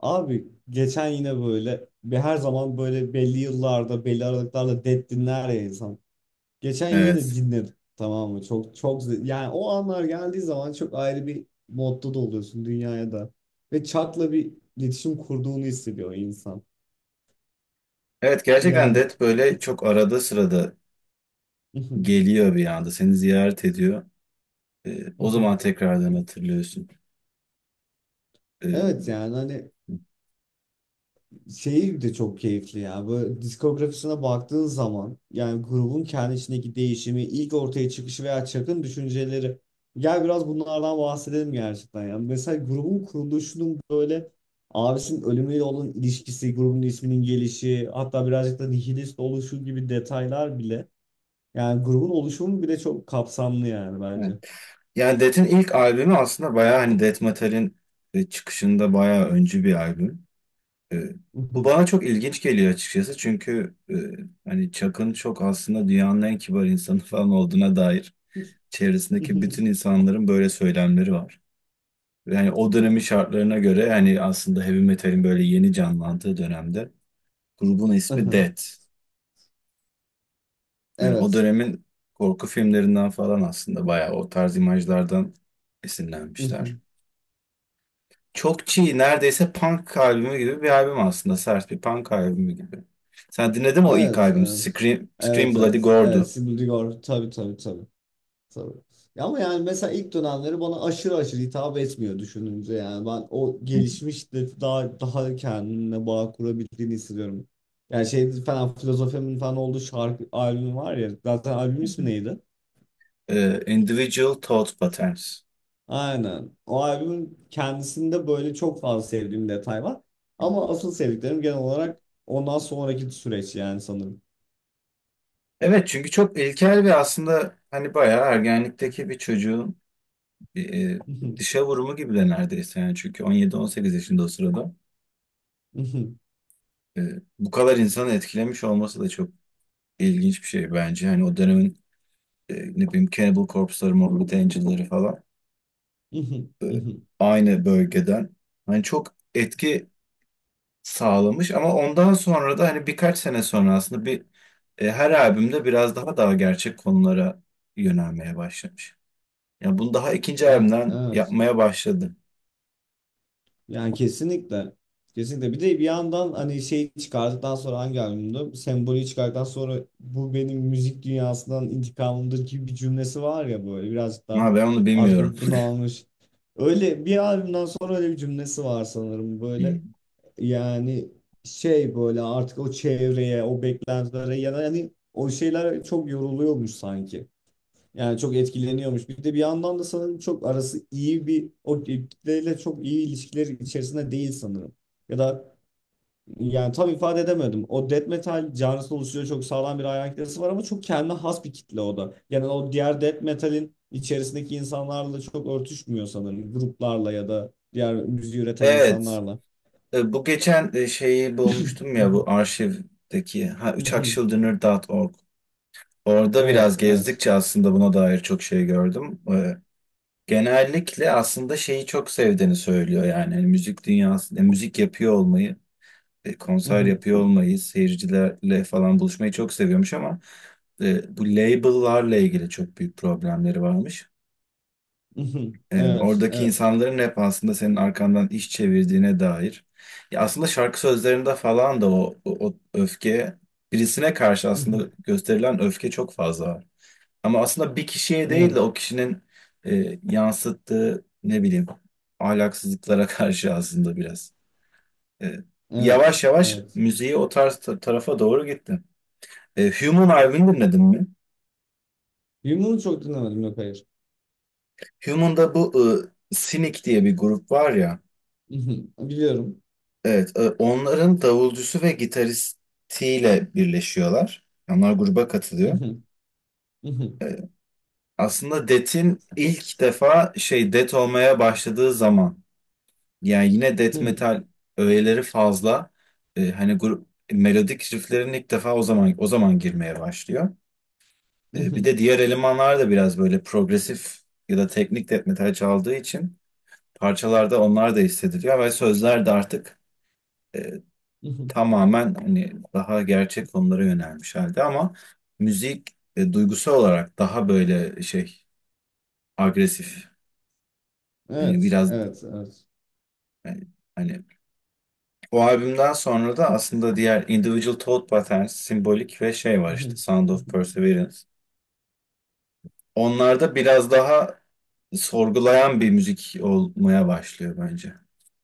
Abi geçen yine böyle her zaman böyle belli yıllarda belli aralıklarla Dead dinler ya insan. Geçen yine Evet. dinledim, tamam mı? Çok yani o anlar geldiği zaman çok ayrı bir modda da oluyorsun dünyaya da. Ve Chuck'la bir iletişim kurduğunu hissediyor insan. Evet, gerçekten Yani Death böyle çok arada sırada geliyor bir anda. Seni ziyaret ediyor. O zaman tekrardan hatırlıyorsun. Ee, evet yani hani Şeyi de çok keyifli ya. Böyle diskografisine baktığın zaman yani grubun kendi içindeki değişimi, ilk ortaya çıkışı veya çakın düşünceleri. Gel biraz bunlardan bahsedelim gerçekten. Yani mesela grubun kuruluşunun böyle abisinin ölümüyle olan ilişkisi, grubun isminin gelişi, hatta birazcık da nihilist oluşu gibi detaylar bile. Yani grubun oluşumu bile çok kapsamlı yani evet. bence. Yani Death'in ilk albümü aslında bayağı hani Death Metal'in çıkışında bayağı öncü bir albüm. Ee, Bu bana çok ilginç geliyor açıkçası. Çünkü hani Chuck'ın çok aslında dünyanın en kibar insanı falan olduğuna dair çevresindeki bütün insanların böyle söylemleri var. Yani o dönemin şartlarına göre, yani aslında heavy metalin böyle yeni canlandığı dönemde grubun ismi Death. Yani o Evet. dönemin korku filmlerinden falan aslında bayağı o tarz imajlardan esinlenmişler. Çok çiğ, neredeyse punk albümü gibi bir albüm aslında. Sert bir punk albümü gibi. Sen dinledin mi o ilk Evet, albüm? evet. Scream Evet, Bloody evet. Evet, Gore'du. Sibel Digor. Tabii, tabii, tabii. Tabii. Ya ama yani mesela ilk dönemleri bana aşırı aşırı hitap etmiyor düşününce, yani ben o gelişmiş de daha kendine bağ kurabildiğini hissediyorum. Yani şey falan, filozofemin falan olduğu şarkı albümü var ya, zaten albümün ismi neydi? Individual Thought Patterns. Aynen. O albümün kendisinde böyle çok fazla sevdiğim detay var. Ama asıl sevdiklerim genel olarak ondan sonraki süreç yani sanırım. Evet, çünkü çok ilkel ve aslında hani bayağı ergenlikteki bir çocuğun e, e, dışa vurumu gibi de neredeyse. Yani çünkü 18 yaşında o sırada e, bu kadar insanı etkilemiş olması da çok ilginç bir şey bence. Hani o dönemin ne bileyim Cannibal Corpse'ları, Morbid Angel'ları falan e, aynı bölgeden hani çok etki sağlamış, ama ondan sonra da hani birkaç sene sonra aslında her albümde biraz daha gerçek konulara yönelmeye başlamış. Yani bunu daha ikinci Ya albümden evet. yapmaya başladı. Yani kesinlikle. Kesinlikle. Bir de bir yandan hani şeyi çıkardıktan sonra, hangi albümde? Sembolü çıkardıktan sonra, bu benim müzik dünyasından intikamımdır gibi bir cümlesi var ya, böyle birazcık daha Ha, ben onu artık bilmiyorum. o bunu almış. Öyle bir albümden sonra öyle bir cümlesi var sanırım böyle. Hmm. Yani şey, böyle artık o çevreye, o beklentilere ya da hani o şeyler çok yoruluyormuş sanki. Yani çok etkileniyormuş. Bir de bir yandan da sanırım çok arası iyi bir o kitleyle çok iyi ilişkiler içerisinde değil sanırım. Ya da yani tam ifade edemedim. O death metal canlısı oluşuyor, çok sağlam bir hayran kitlesi var ama çok kendine has bir kitle o da. Yani o diğer death metal'in içerisindeki insanlarla çok örtüşmüyor sanırım. Gruplarla ya da diğer müziği üreten Evet. insanlarla. Bu geçen şeyi bulmuştum ya, bu arşivdeki, ha, uçakchildren'ı.org. Orada biraz Evet, evet. gezdikçe aslında buna dair çok şey gördüm. Genellikle aslında şeyi çok sevdiğini söylüyor, yani hani müzik dünyası, müzik yapıyor olmayı, konser yapıyor olmayı, seyircilerle falan buluşmayı çok seviyormuş, ama bu label'larla ilgili çok büyük problemleri varmış. Evet, Oradaki evet. insanların hep aslında senin arkandan iş çevirdiğine dair. Ya aslında şarkı sözlerinde falan da o öfke, birisine karşı aslında gösterilen öfke çok fazla var. Ama aslında bir kişiye değil de Evet, o kişinin yansıttığı, ne bileyim, ahlaksızlıklara karşı aslında biraz. E, evet, Yavaş yavaş evet. müziği o tarz tarafa doğru gitti. Human Ivy'ni dinledin mi? Yumruğunu çok dinlemedim. Yok, hayır. Human'da bu Cynic diye bir grup var ya. Mhm. Biliyorum. Evet, onların davulcusu ve gitaristiyle birleşiyorlar. Onlar gruba katılıyor. Mhm, mhm. Aslında Death'in ilk defa şey, Death olmaya başladığı zaman, yani yine Death Hmm. metal öğeleri fazla. Hani grup melodik rifflerin ilk defa o zaman girmeye başlıyor. Bir Mhm, de diğer elemanlar da biraz böyle progresif ya da teknik Death metal çaldığı için, parçalarda onlar da hissediliyor ve sözler de artık e, mhm. tamamen hani daha gerçek konulara yönelmiş halde, ama müzik duygusal olarak daha böyle şey, agresif. Hani Evet. biraz Evet. Evet. e, hani o albümden sonra da aslında diğer Individual Thought Patterns, simbolik ve şey var işte, Mhm, Sound of mhm. Perseverance. Onlarda biraz daha sorgulayan bir müzik olmaya başlıyor bence.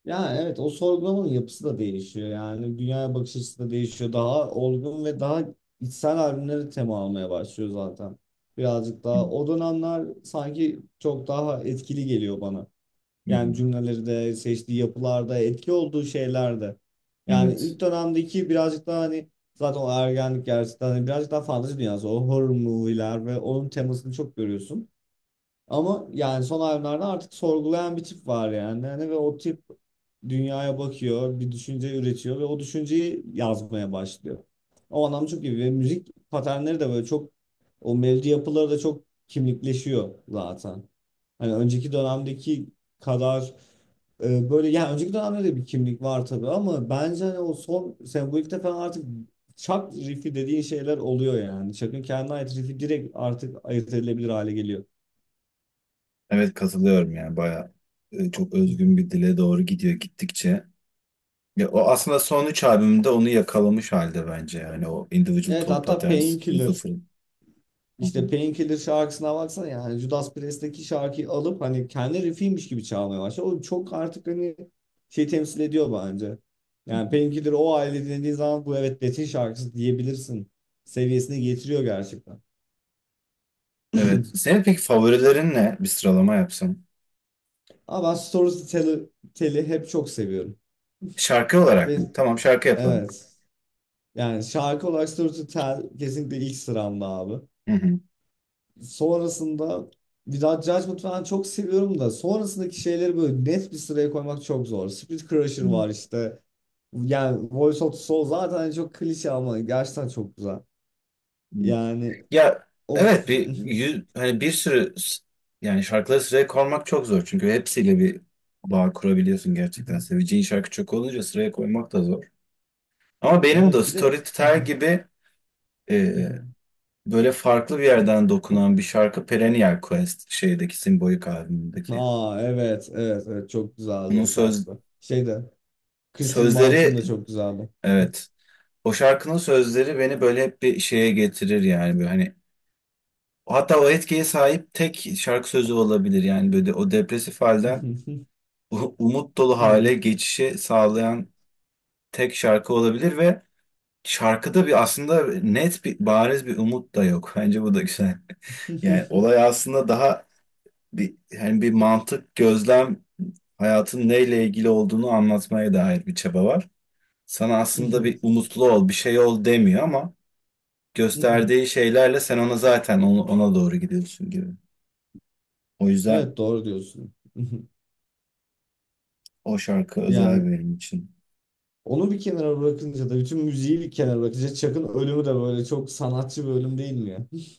Ya evet, o sorgulamanın yapısı da değişiyor. Yani dünyaya bakış açısı da değişiyor. Daha olgun ve daha içsel albümleri tema almaya başlıyor zaten. Birazcık Hı daha o dönemler sanki çok daha etkili geliyor bana. Yani hı. cümleleri de, seçtiği yapılarda, etki olduğu şeylerde. Yani Evet. ilk dönemdeki birazcık daha, hani zaten o ergenlik gerçekten, hani birazcık daha fantezi dünyası. O horror movie'ler ve onun temasını çok görüyorsun. Ama yani son albümlerde artık sorgulayan bir tip var yani. Hani ve o tip dünyaya bakıyor, bir düşünce üretiyor ve o düşünceyi yazmaya başlıyor. O anlam çok iyi ve müzik paternleri de böyle çok, o melodi yapıları da çok kimlikleşiyor zaten. Hani önceki dönemdeki kadar böyle, yani önceki dönemde de bir kimlik var tabii ama bence hani o son sembolikte falan artık çak riff'i dediğin şeyler oluyor yani. Çakın kendine ait riff'i direkt artık ayırt edilebilir hale geliyor. Evet, katılıyorum, yani bayağı çok özgün bir dile doğru gidiyor gittikçe. Ya, o aslında son üç albümde onu yakalamış halde bence, yani o Individual Evet, Thought hatta Patterns, Painkiller. Philosophy. Hı hı. İşte Painkiller şarkısına baksana, yani Judas Priest'teki şarkıyı alıp hani kendi riffiymiş gibi çalmaya başladı. O çok artık hani şey temsil ediyor bence. Yani Painkiller o aile dinlediği zaman bu evet Metin şarkısı diyebilirsin seviyesine getiriyor gerçekten. Evet. Senin peki favorilerin ne? Bir sıralama yapsam. Ama ben Tell'i hep çok seviyorum. Şarkı olarak Ve mı? Tamam, şarkı yapalım. evet, yani şarkı olarak Storytel kesinlikle ilk sıramda abi. Hı hı. Sonrasında bir daha Judgment falan çok seviyorum da, sonrasındaki şeyleri böyle net bir sıraya koymak çok zor. Spirit Crusher var işte. Yani Voice of the Soul zaten hani çok klişe ama gerçekten çok güzel. Hı. Yani Ya of. evet, hani yani şarkıları sıraya koymak çok zor, çünkü hepsiyle bir bağ kurabiliyorsun gerçekten. Seveceğin şarkı çok olunca sıraya koymak da zor. Ama benim de Evet bir de, Storytel gibi böyle farklı bir yerden dokunan bir şarkı, Perennial Quest, şeydeki Symbolic albümündeki. aa evet evet evet çok güzeldi Onun o söz şarkı. Şey de Crystal Mountain sözleri da çok güzeldi. evet. O şarkının sözleri beni böyle hep bir şeye getirir, yani böyle hani hatta o etkiye sahip tek şarkı sözü olabilir, yani böyle o depresif halden umut dolu hale geçişi sağlayan tek şarkı olabilir, ve şarkıda bir, aslında net bir, bariz bir umut da yok. Bence bu da güzel. Yani olay aslında daha bir, hani bir mantık, gözlem, hayatın neyle ilgili olduğunu anlatmaya dair bir çaba var. Sana aslında bir umutlu ol, bir şey ol demiyor, ama gösterdiği şeylerle sen ona zaten ona doğru gidiyorsun gibi. O yüzden Evet doğru diyorsun. o şarkı özel Yani benim için. onu bir kenara bırakınca da, bütün müziği bir kenara bırakınca, Chuck'ın ölümü de böyle çok sanatçı bir ölüm değil mi ya?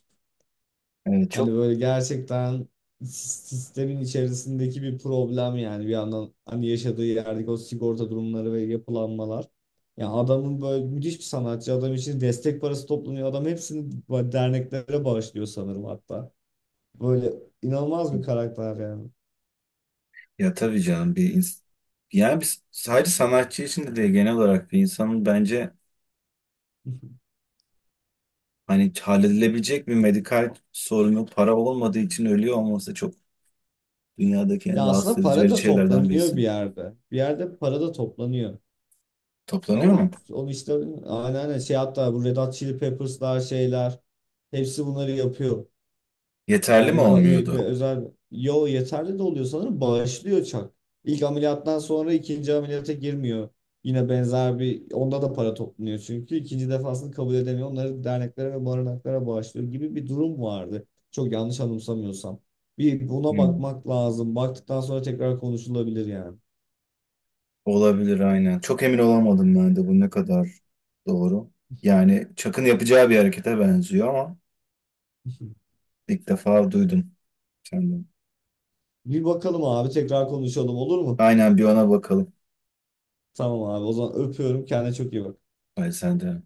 Yani Hani çok, böyle gerçekten sistemin içerisindeki bir problem yani, bir yandan hani yaşadığı yerdeki o sigorta durumları ve yapılanmalar. Ya adamın, böyle müthiş bir sanatçı adam için destek parası toplanıyor. Adam hepsini böyle derneklere bağışlıyor sanırım hatta. Böyle inanılmaz bir karakter yani. ya tabii canım, yani biz sadece sanatçı için de değil, genel olarak bir insanın bence hani halledilebilecek bir medikal sorunu para olmadığı için ölüyor olması, çok dünyadaki Ya en rahatsız aslında edici, para verici da şeylerden toplanıyor birisi. bir yerde. Bir yerde para da toplanıyor. Toplanıyor Ama mu? onu işte, aynen, aynen, şey hatta, bu Red Hot Chili Peppers'lar, şeyler, hepsi bunları yapıyor. Yeterli mi Yani bir olmuyordu? özel, yo yeterli de oluyor sanırım, bağışlıyor Chuck. İlk ameliyattan sonra ikinci ameliyata girmiyor. Yine benzer bir, onda da para toplanıyor çünkü ikinci defasını kabul edemiyor. Onları derneklere ve barınaklara bağışlıyor gibi bir durum vardı. Çok yanlış anımsamıyorsam. Bir buna Hmm. bakmak lazım. Baktıktan sonra tekrar konuşulabilir yani. Olabilir, aynen. Çok emin olamadım ben de bu ne kadar doğru. Yani Çak'ın yapacağı bir harekete benziyor, ama ilk defa duydum senden. Bir bakalım abi, tekrar konuşalım olur mu? Aynen, bir ona bakalım. Tamam abi, o zaman öpüyorum. Kendine çok iyi bak. Hayır, sen de.